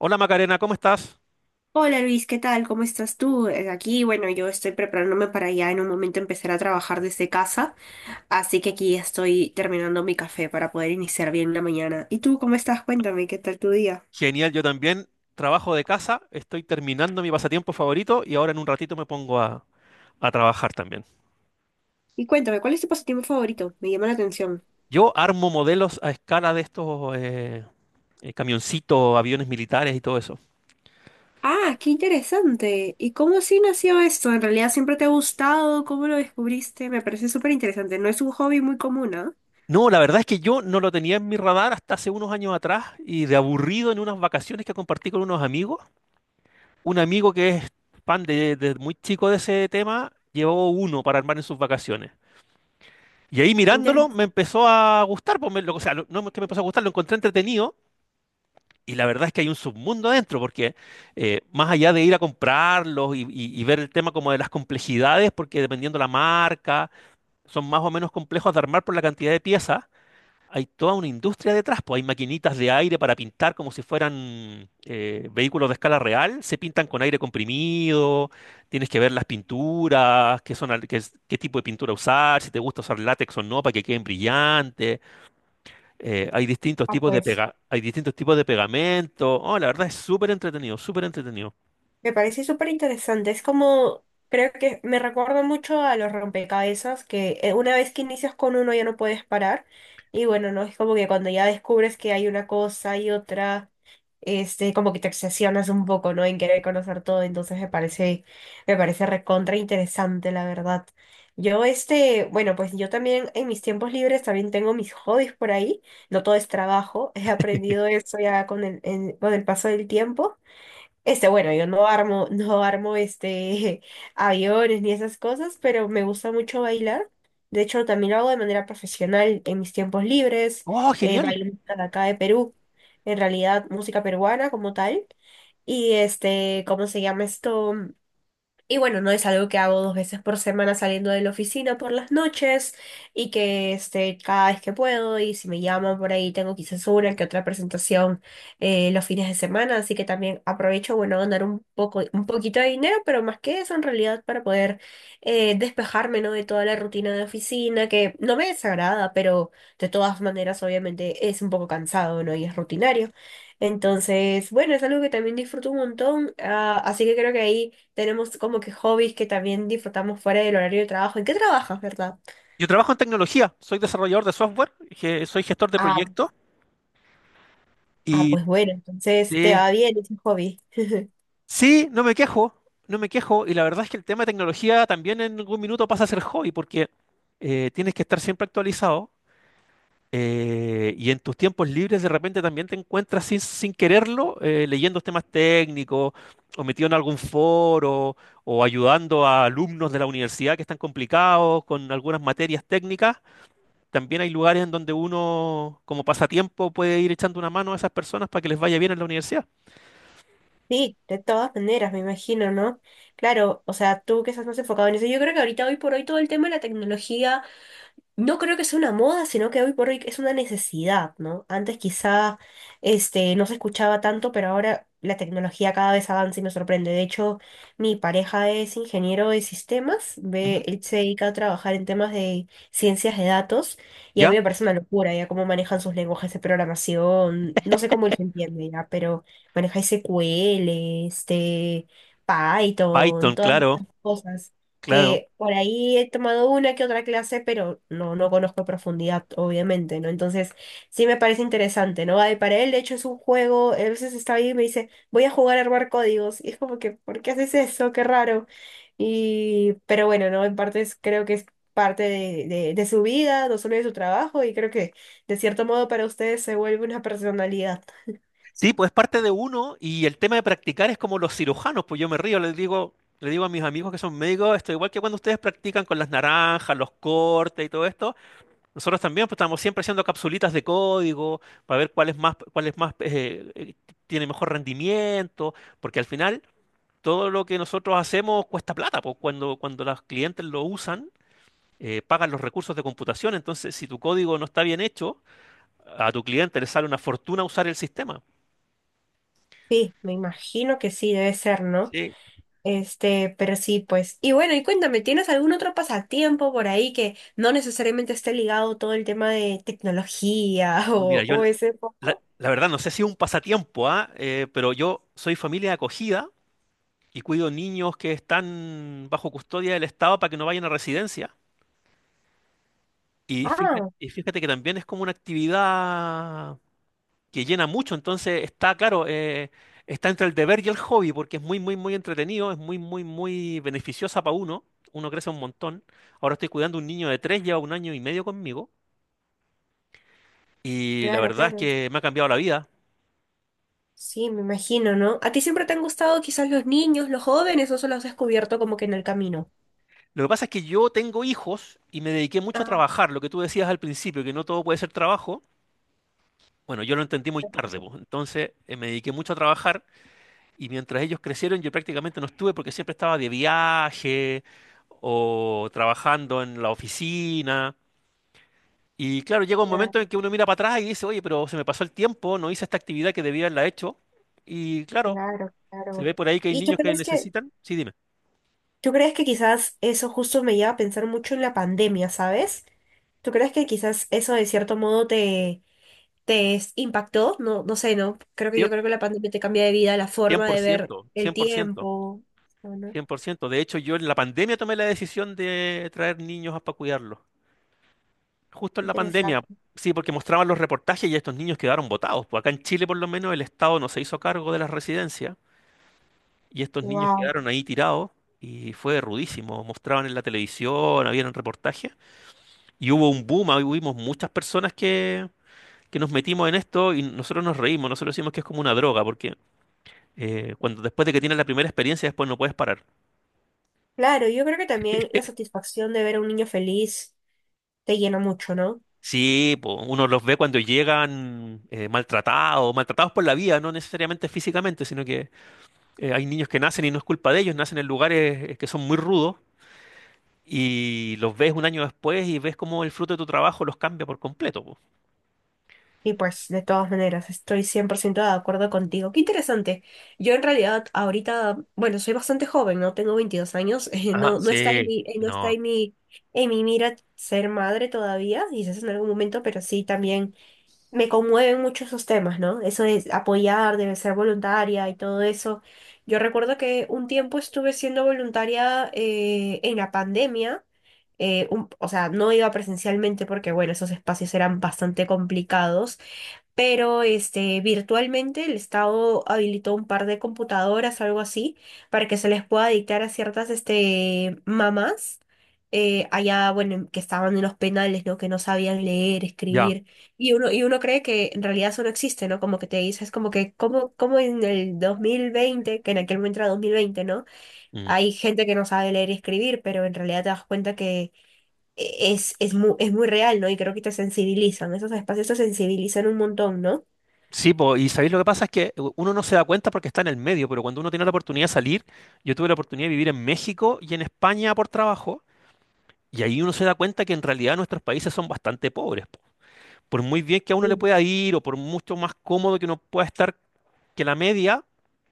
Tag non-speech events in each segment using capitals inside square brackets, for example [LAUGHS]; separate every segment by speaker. Speaker 1: Hola Macarena, ¿cómo estás?
Speaker 2: Hola Luis, ¿qué tal? ¿Cómo estás tú? Bueno, yo estoy preparándome para ya en un momento empezar a trabajar desde casa, así que aquí estoy terminando mi café para poder iniciar bien la mañana. ¿Y tú cómo estás? Cuéntame, ¿qué tal tu día?
Speaker 1: Genial, yo también trabajo de casa, estoy terminando mi pasatiempo favorito y ahora en un ratito me pongo a trabajar también.
Speaker 2: Y cuéntame, ¿cuál es tu pasatiempo favorito? Me llama la atención.
Speaker 1: Yo armo modelos a escala de estos camioncitos, aviones militares y todo eso.
Speaker 2: Ah, qué interesante. ¿Y cómo así nació esto? ¿En realidad siempre te ha gustado? ¿Cómo lo descubriste? Me parece súper interesante. No es un hobby muy común, ¿ah?
Speaker 1: No, la verdad es que yo no lo tenía en mi radar hasta hace unos años atrás y de aburrido en unas vacaciones que compartí con unos amigos, un amigo que es fan de muy chico de ese tema, llevó uno para armar en sus vacaciones. Y ahí mirándolo
Speaker 2: Interesante.
Speaker 1: me empezó a gustar, pues o sea, no es que me empezó a gustar, lo encontré entretenido, y la verdad es que hay un submundo adentro, porque más allá de ir a comprarlos y ver el tema como de las complejidades, porque dependiendo la marca, son más o menos complejos de armar por la cantidad de piezas. Hay toda una industria detrás, pues hay maquinitas de aire para pintar como si fueran vehículos de escala real, se pintan con aire comprimido. Tienes que ver las pinturas, qué son, qué, qué tipo de pintura usar, si te gusta usar látex o no para que queden brillantes. Hay distintos tipos de pega, hay distintos tipos de pegamento. Oh, la verdad es súper entretenido, súper entretenido.
Speaker 2: Me parece súper interesante. Creo que me recuerda mucho a los rompecabezas, que una vez que inicias con uno ya no puedes parar. Y bueno, no es como que cuando ya descubres que hay una cosa y otra, como que te obsesionas un poco, ¿no? En querer conocer todo. Entonces me parece recontra interesante, la verdad. Bueno, pues yo también en mis tiempos libres también tengo mis hobbies por ahí. No todo es trabajo. [LAUGHS] He aprendido eso ya con con el paso del tiempo. Bueno, yo no armo este [LAUGHS] aviones ni esas cosas, pero me gusta mucho bailar. De hecho, también lo hago de manera profesional en mis tiempos libres.
Speaker 1: Oh, genial.
Speaker 2: Bailo música de acá de Perú, en realidad música peruana como tal. Y este, ¿cómo se llama esto? Y bueno, no es algo que hago dos veces por semana saliendo de la oficina por las noches y que este, cada vez que puedo y si me llaman por ahí tengo quizás una que otra presentación los fines de semana, así que también aprovecho, bueno, ganar un poquito de dinero, pero más que eso en realidad para poder despejarme, ¿no?, de toda la rutina de oficina que no me desagrada, pero de todas maneras obviamente es un poco cansado, ¿no?, y es rutinario. Entonces, bueno, es algo que también disfruto un montón, ah, así que creo que ahí tenemos como que hobbies que también disfrutamos fuera del horario de trabajo. ¿En qué trabajas, verdad?
Speaker 1: Yo trabajo en tecnología, soy desarrollador de software, soy gestor de
Speaker 2: Ah,
Speaker 1: proyectos
Speaker 2: ah,
Speaker 1: y
Speaker 2: pues bueno, entonces te
Speaker 1: sí.
Speaker 2: va bien ese hobby.
Speaker 1: Sí, no me quejo, no me quejo. Y la verdad es que el tema de tecnología también en algún minuto pasa a ser hobby porque tienes que estar siempre actualizado, y en tus tiempos libres de repente también te encuentras sin quererlo, leyendo temas técnicos o metido en algún foro o ayudando a alumnos de la universidad que están complicados con algunas materias técnicas. También hay lugares en donde uno como pasatiempo puede ir echando una mano a esas personas para que les vaya bien en la universidad.
Speaker 2: Sí, de todas maneras, me imagino, ¿no? Claro, o sea, tú que estás más enfocado en eso. Yo creo que ahorita, hoy por hoy, todo el tema de la tecnología, no creo que sea una moda, sino que hoy por hoy es una necesidad, ¿no? Antes quizá no se escuchaba tanto, pero ahora la tecnología cada vez avanza y me sorprende. De hecho, mi pareja es ingeniero de sistemas,
Speaker 1: Ujú.
Speaker 2: ve, él se dedica a trabajar en temas de ciencias de datos y a mí
Speaker 1: ¿Ya?
Speaker 2: me parece una locura ya cómo manejan sus lenguajes de programación. No sé cómo él se entiende ya, pero maneja SQL, Python,
Speaker 1: Python,
Speaker 2: todas
Speaker 1: claro,
Speaker 2: estas cosas
Speaker 1: claro.
Speaker 2: que por ahí he tomado una que otra clase, pero no, no conozco a profundidad, obviamente, ¿no? Entonces, sí me parece interesante, ¿no? Ay, para él, de hecho, es un juego, a veces está ahí y me dice, voy a jugar a armar códigos, y es como que, ¿por qué haces eso? Qué raro. Y, pero bueno, ¿no? Creo que es parte de, de su vida, no solo de su trabajo, y creo que, de cierto modo, para ustedes se vuelve una personalidad.
Speaker 1: Sí, pues es parte de uno y el tema de practicar es como los cirujanos. Pues yo me río, les digo, le digo a mis amigos que son médicos, esto igual que cuando ustedes practican con las naranjas, los cortes y todo esto, nosotros también pues, estamos siempre haciendo capsulitas de código para ver cuál es más, tiene mejor rendimiento, porque al final todo lo que nosotros hacemos cuesta plata, pues cuando los clientes lo usan, pagan los recursos de computación. Entonces si tu código no está bien hecho, a tu cliente le sale una fortuna usar el sistema.
Speaker 2: Sí, me imagino que sí, debe ser, ¿no?
Speaker 1: Sí.
Speaker 2: Pero sí, pues. Y bueno, y cuéntame, ¿tienes algún otro pasatiempo por ahí que no necesariamente esté ligado todo el tema de tecnología [LAUGHS]
Speaker 1: Uy, mira,
Speaker 2: o ese
Speaker 1: La,
Speaker 2: poco?
Speaker 1: la verdad, no sé si es un pasatiempo, ¿ah? Pero yo soy familia de acogida y cuido niños que están bajo custodia del Estado para que no vayan a residencia.
Speaker 2: Ah,
Speaker 1: Y fíjate que también es como una actividad que llena mucho. Entonces claro, está entre el deber y el hobby, porque es muy, muy, muy entretenido, es muy, muy, muy beneficiosa para uno, uno crece un montón. Ahora estoy cuidando un niño de 3, lleva un año y medio conmigo, y la
Speaker 2: claro,
Speaker 1: verdad es
Speaker 2: claro.
Speaker 1: que me ha cambiado la vida.
Speaker 2: Sí, me imagino, ¿no? ¿A ti siempre te han gustado quizás los niños, los jóvenes, o solo has descubierto como que en el camino?
Speaker 1: Lo que pasa es que yo tengo hijos y me dediqué mucho a
Speaker 2: Ah,
Speaker 1: trabajar, lo que tú decías al principio, que no todo puede ser trabajo. Bueno, yo lo entendí muy tarde,
Speaker 2: perfecto,
Speaker 1: pues. Entonces me dediqué mucho a trabajar y mientras ellos crecieron yo prácticamente no estuve porque siempre estaba de viaje o trabajando en la oficina. Y claro, llega un momento en
Speaker 2: claro,
Speaker 1: que uno mira para atrás y dice, oye, pero se me pasó el tiempo, no hice esta actividad que debía haberla hecho. Y claro,
Speaker 2: claro,
Speaker 1: se
Speaker 2: claro.
Speaker 1: ve por ahí que hay
Speaker 2: ¿Y tú
Speaker 1: niños que
Speaker 2: crees que,
Speaker 1: necesitan. Sí, dime.
Speaker 2: ¿Tú crees que quizás eso justo me lleva a pensar mucho en la pandemia, ¿sabes? ¿Tú crees que quizás eso de cierto modo te impactó? No, no sé, ¿no? Creo que Yo
Speaker 1: Cien-
Speaker 2: creo que la pandemia te cambia de vida, la forma
Speaker 1: por
Speaker 2: de ver
Speaker 1: ciento,
Speaker 2: el
Speaker 1: cien por ciento.
Speaker 2: tiempo. Bueno,
Speaker 1: 100%. De hecho, yo en la pandemia tomé la decisión de traer niños para cuidarlos. Justo en la pandemia.
Speaker 2: interesante.
Speaker 1: Sí, porque mostraban los reportajes y estos niños quedaron botados. Pues acá en Chile, por lo menos, el Estado no se hizo cargo de las residencias y estos niños
Speaker 2: Wow.
Speaker 1: quedaron ahí tirados y fue rudísimo. Mostraban en la televisión, habían reportajes y hubo un boom. Ahí hubimos muchas personas que nos metimos en esto y nosotros nos reímos. Nosotros decimos que es como una droga porque cuando después de que tienes la primera experiencia, después no puedes parar.
Speaker 2: Claro, yo creo que también la satisfacción de ver a un niño feliz te llena mucho, ¿no?
Speaker 1: Sí, po, uno los ve cuando llegan maltratados, maltratados por la vida, no necesariamente físicamente, sino que hay niños que nacen y no es culpa de ellos, nacen en lugares que son muy rudos, y los ves un año después y ves cómo el fruto de tu trabajo los cambia por completo, po.
Speaker 2: Y pues, de todas maneras, estoy 100% de acuerdo contigo. Qué interesante. Yo en realidad ahorita, bueno, soy bastante joven, ¿no? Tengo 22 años. [LAUGHS]
Speaker 1: Ajá, sí,
Speaker 2: No está
Speaker 1: no,
Speaker 2: en mi en mi mira ser madre todavía, quizás en algún momento, pero sí también me conmueven mucho esos temas, ¿no? Eso de apoyar, de ser voluntaria y todo eso. Yo recuerdo que un tiempo estuve siendo voluntaria en la pandemia, o sea, no iba presencialmente porque, bueno, esos espacios eran bastante complicados, pero virtualmente el Estado habilitó un par de computadoras, algo así, para que se les pueda dictar a ciertas mamás allá, bueno, que estaban en los penales, ¿no?, que no sabían leer,
Speaker 1: ya.
Speaker 2: escribir. Y uno cree que en realidad eso no existe, ¿no? Como que te dices, como en el 2020, que en aquel momento era 2020, ¿no?
Speaker 1: Mm.
Speaker 2: Hay gente que no sabe leer y escribir, pero en realidad te das cuenta que es muy real, ¿no? Y creo que te sensibilizan, esos espacios te sensibilizan un montón, ¿no?
Speaker 1: Sí, po, y sabéis lo que pasa es que uno no se da cuenta porque está en el medio, pero cuando uno tiene la oportunidad de salir, yo tuve la oportunidad de vivir en México y en España por trabajo, y ahí uno se da cuenta que en realidad nuestros países son bastante pobres. Por muy bien que a uno le
Speaker 2: Sí,
Speaker 1: pueda ir o por mucho más cómodo que uno pueda estar que la media,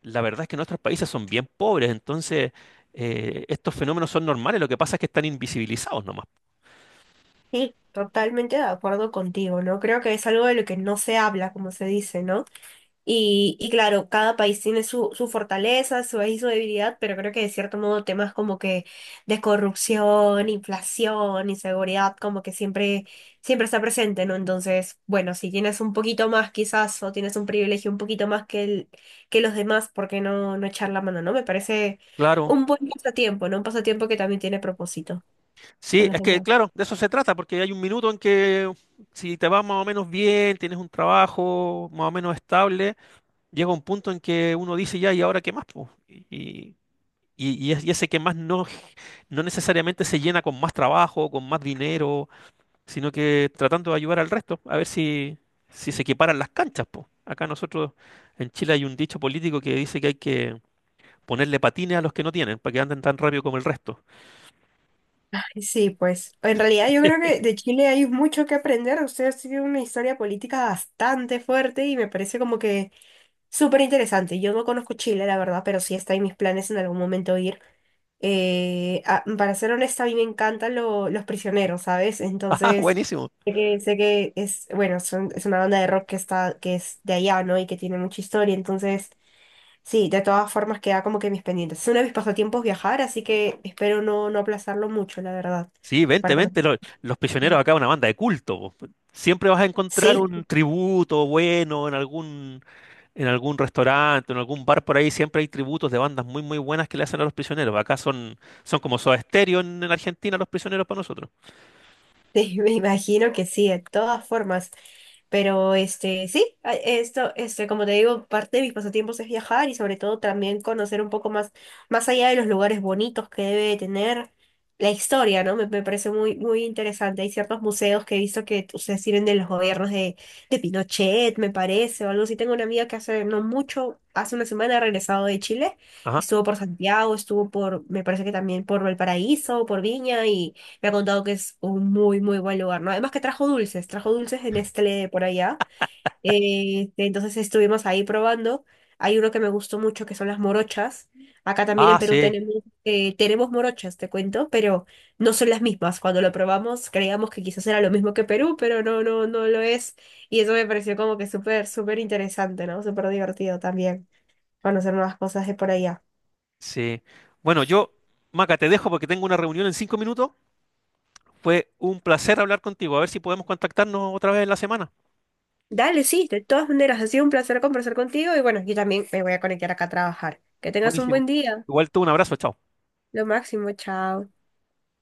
Speaker 1: la verdad es que nuestros países son bien pobres. Entonces estos fenómenos son normales, lo que pasa es que están invisibilizados nomás.
Speaker 2: sí, totalmente de acuerdo contigo, ¿no? Creo que es algo de lo que no se habla, como se dice, ¿no? Y claro, cada país tiene su, su fortaleza, su, ahí su debilidad, pero creo que de cierto modo temas como que de corrupción, inflación, inseguridad, como que siempre, siempre está presente, ¿no? Entonces, bueno, si tienes un poquito más quizás, o tienes un privilegio un poquito más que que los demás, ¿por qué no, no echar la mano, ¿no? Me parece
Speaker 1: Claro,
Speaker 2: un buen pasatiempo, ¿no? Un pasatiempo que también tiene propósito con
Speaker 1: sí,
Speaker 2: los
Speaker 1: es que
Speaker 2: demás.
Speaker 1: claro, de eso se trata, porque hay un minuto en que si te va más o menos bien, tienes un trabajo más o menos estable, llega un punto en que uno dice ya, ¿y ahora qué más, po? Y ese qué más no, no necesariamente se llena con más trabajo, con más dinero, sino que tratando de ayudar al resto, a ver si, si se equiparan las canchas, po. Acá nosotros en Chile hay un dicho político que dice que hay que ponerle patines a los que no tienen, para que anden tan rápido como el resto.
Speaker 2: Ay, sí, pues en realidad yo creo que de Chile hay mucho que aprender. Usted ha sido una historia política bastante fuerte y me parece como que súper interesante. Yo no conozco Chile, la verdad, pero sí está en mis planes en algún momento ir. Para ser honesta, a mí me encantan los prisioneros, ¿sabes?
Speaker 1: [LAUGHS] ¡Ah,
Speaker 2: Entonces,
Speaker 1: buenísimo!
Speaker 2: sé que es, bueno, es una banda de rock que está, que es de allá, ¿no? Y que tiene mucha historia. Entonces, sí, de todas formas queda como que mis pendientes. Es uno de mis pasatiempos viajar, así que espero no, no aplazarlo mucho, la verdad.
Speaker 1: Sí, vente,
Speaker 2: Para conocer.
Speaker 1: vente, los Prisioneros acá es una banda de culto, po. Siempre vas a encontrar
Speaker 2: Sí,
Speaker 1: un tributo bueno en algún restaurante, en algún bar por ahí, siempre hay tributos de bandas muy muy buenas que le hacen a los Prisioneros. Acá son, son como Soda Stereo en Argentina los Prisioneros para nosotros.
Speaker 2: Sí, [LAUGHS] me imagino que sí, de todas formas. Pero como te digo, parte de mis pasatiempos es viajar y sobre todo también conocer un poco más, más allá de los lugares bonitos que debe tener la historia, ¿no? Me parece muy, muy interesante. Hay ciertos museos que he visto que ustedes sirven de los gobiernos de Pinochet, me parece, o algo así. Tengo una amiga que hace no mucho, hace una semana ha regresado de Chile,
Speaker 1: Ajá.
Speaker 2: estuvo por Santiago, estuvo por, me parece que también por Valparaíso, por Viña. Me ha contado que es un muy, muy buen lugar, ¿no? Además que trajo dulces de Nestlé por allá. Entonces estuvimos ahí probando. Hay uno que me gustó mucho, que son las morochas. Acá también en
Speaker 1: Ah,
Speaker 2: Perú
Speaker 1: sí.
Speaker 2: tenemos, tenemos morochas, te cuento, pero no son las mismas. Cuando lo probamos creíamos que quizás era lo mismo que Perú, pero no, no, no lo es. Y eso me pareció como que súper, súper interesante, ¿no? Súper divertido también conocer nuevas cosas de por allá.
Speaker 1: Sí. Bueno, yo, Maca, te dejo porque tengo una reunión en 5 minutos. Fue un placer hablar contigo. A ver si podemos contactarnos otra vez en la semana.
Speaker 2: Dale, sí, de todas maneras, ha sido un placer conversar contigo y bueno, yo también me voy a conectar acá a trabajar. Que tengas un
Speaker 1: Buenísimo.
Speaker 2: buen día.
Speaker 1: Igual tú, un abrazo, chao.
Speaker 2: Lo máximo, chao.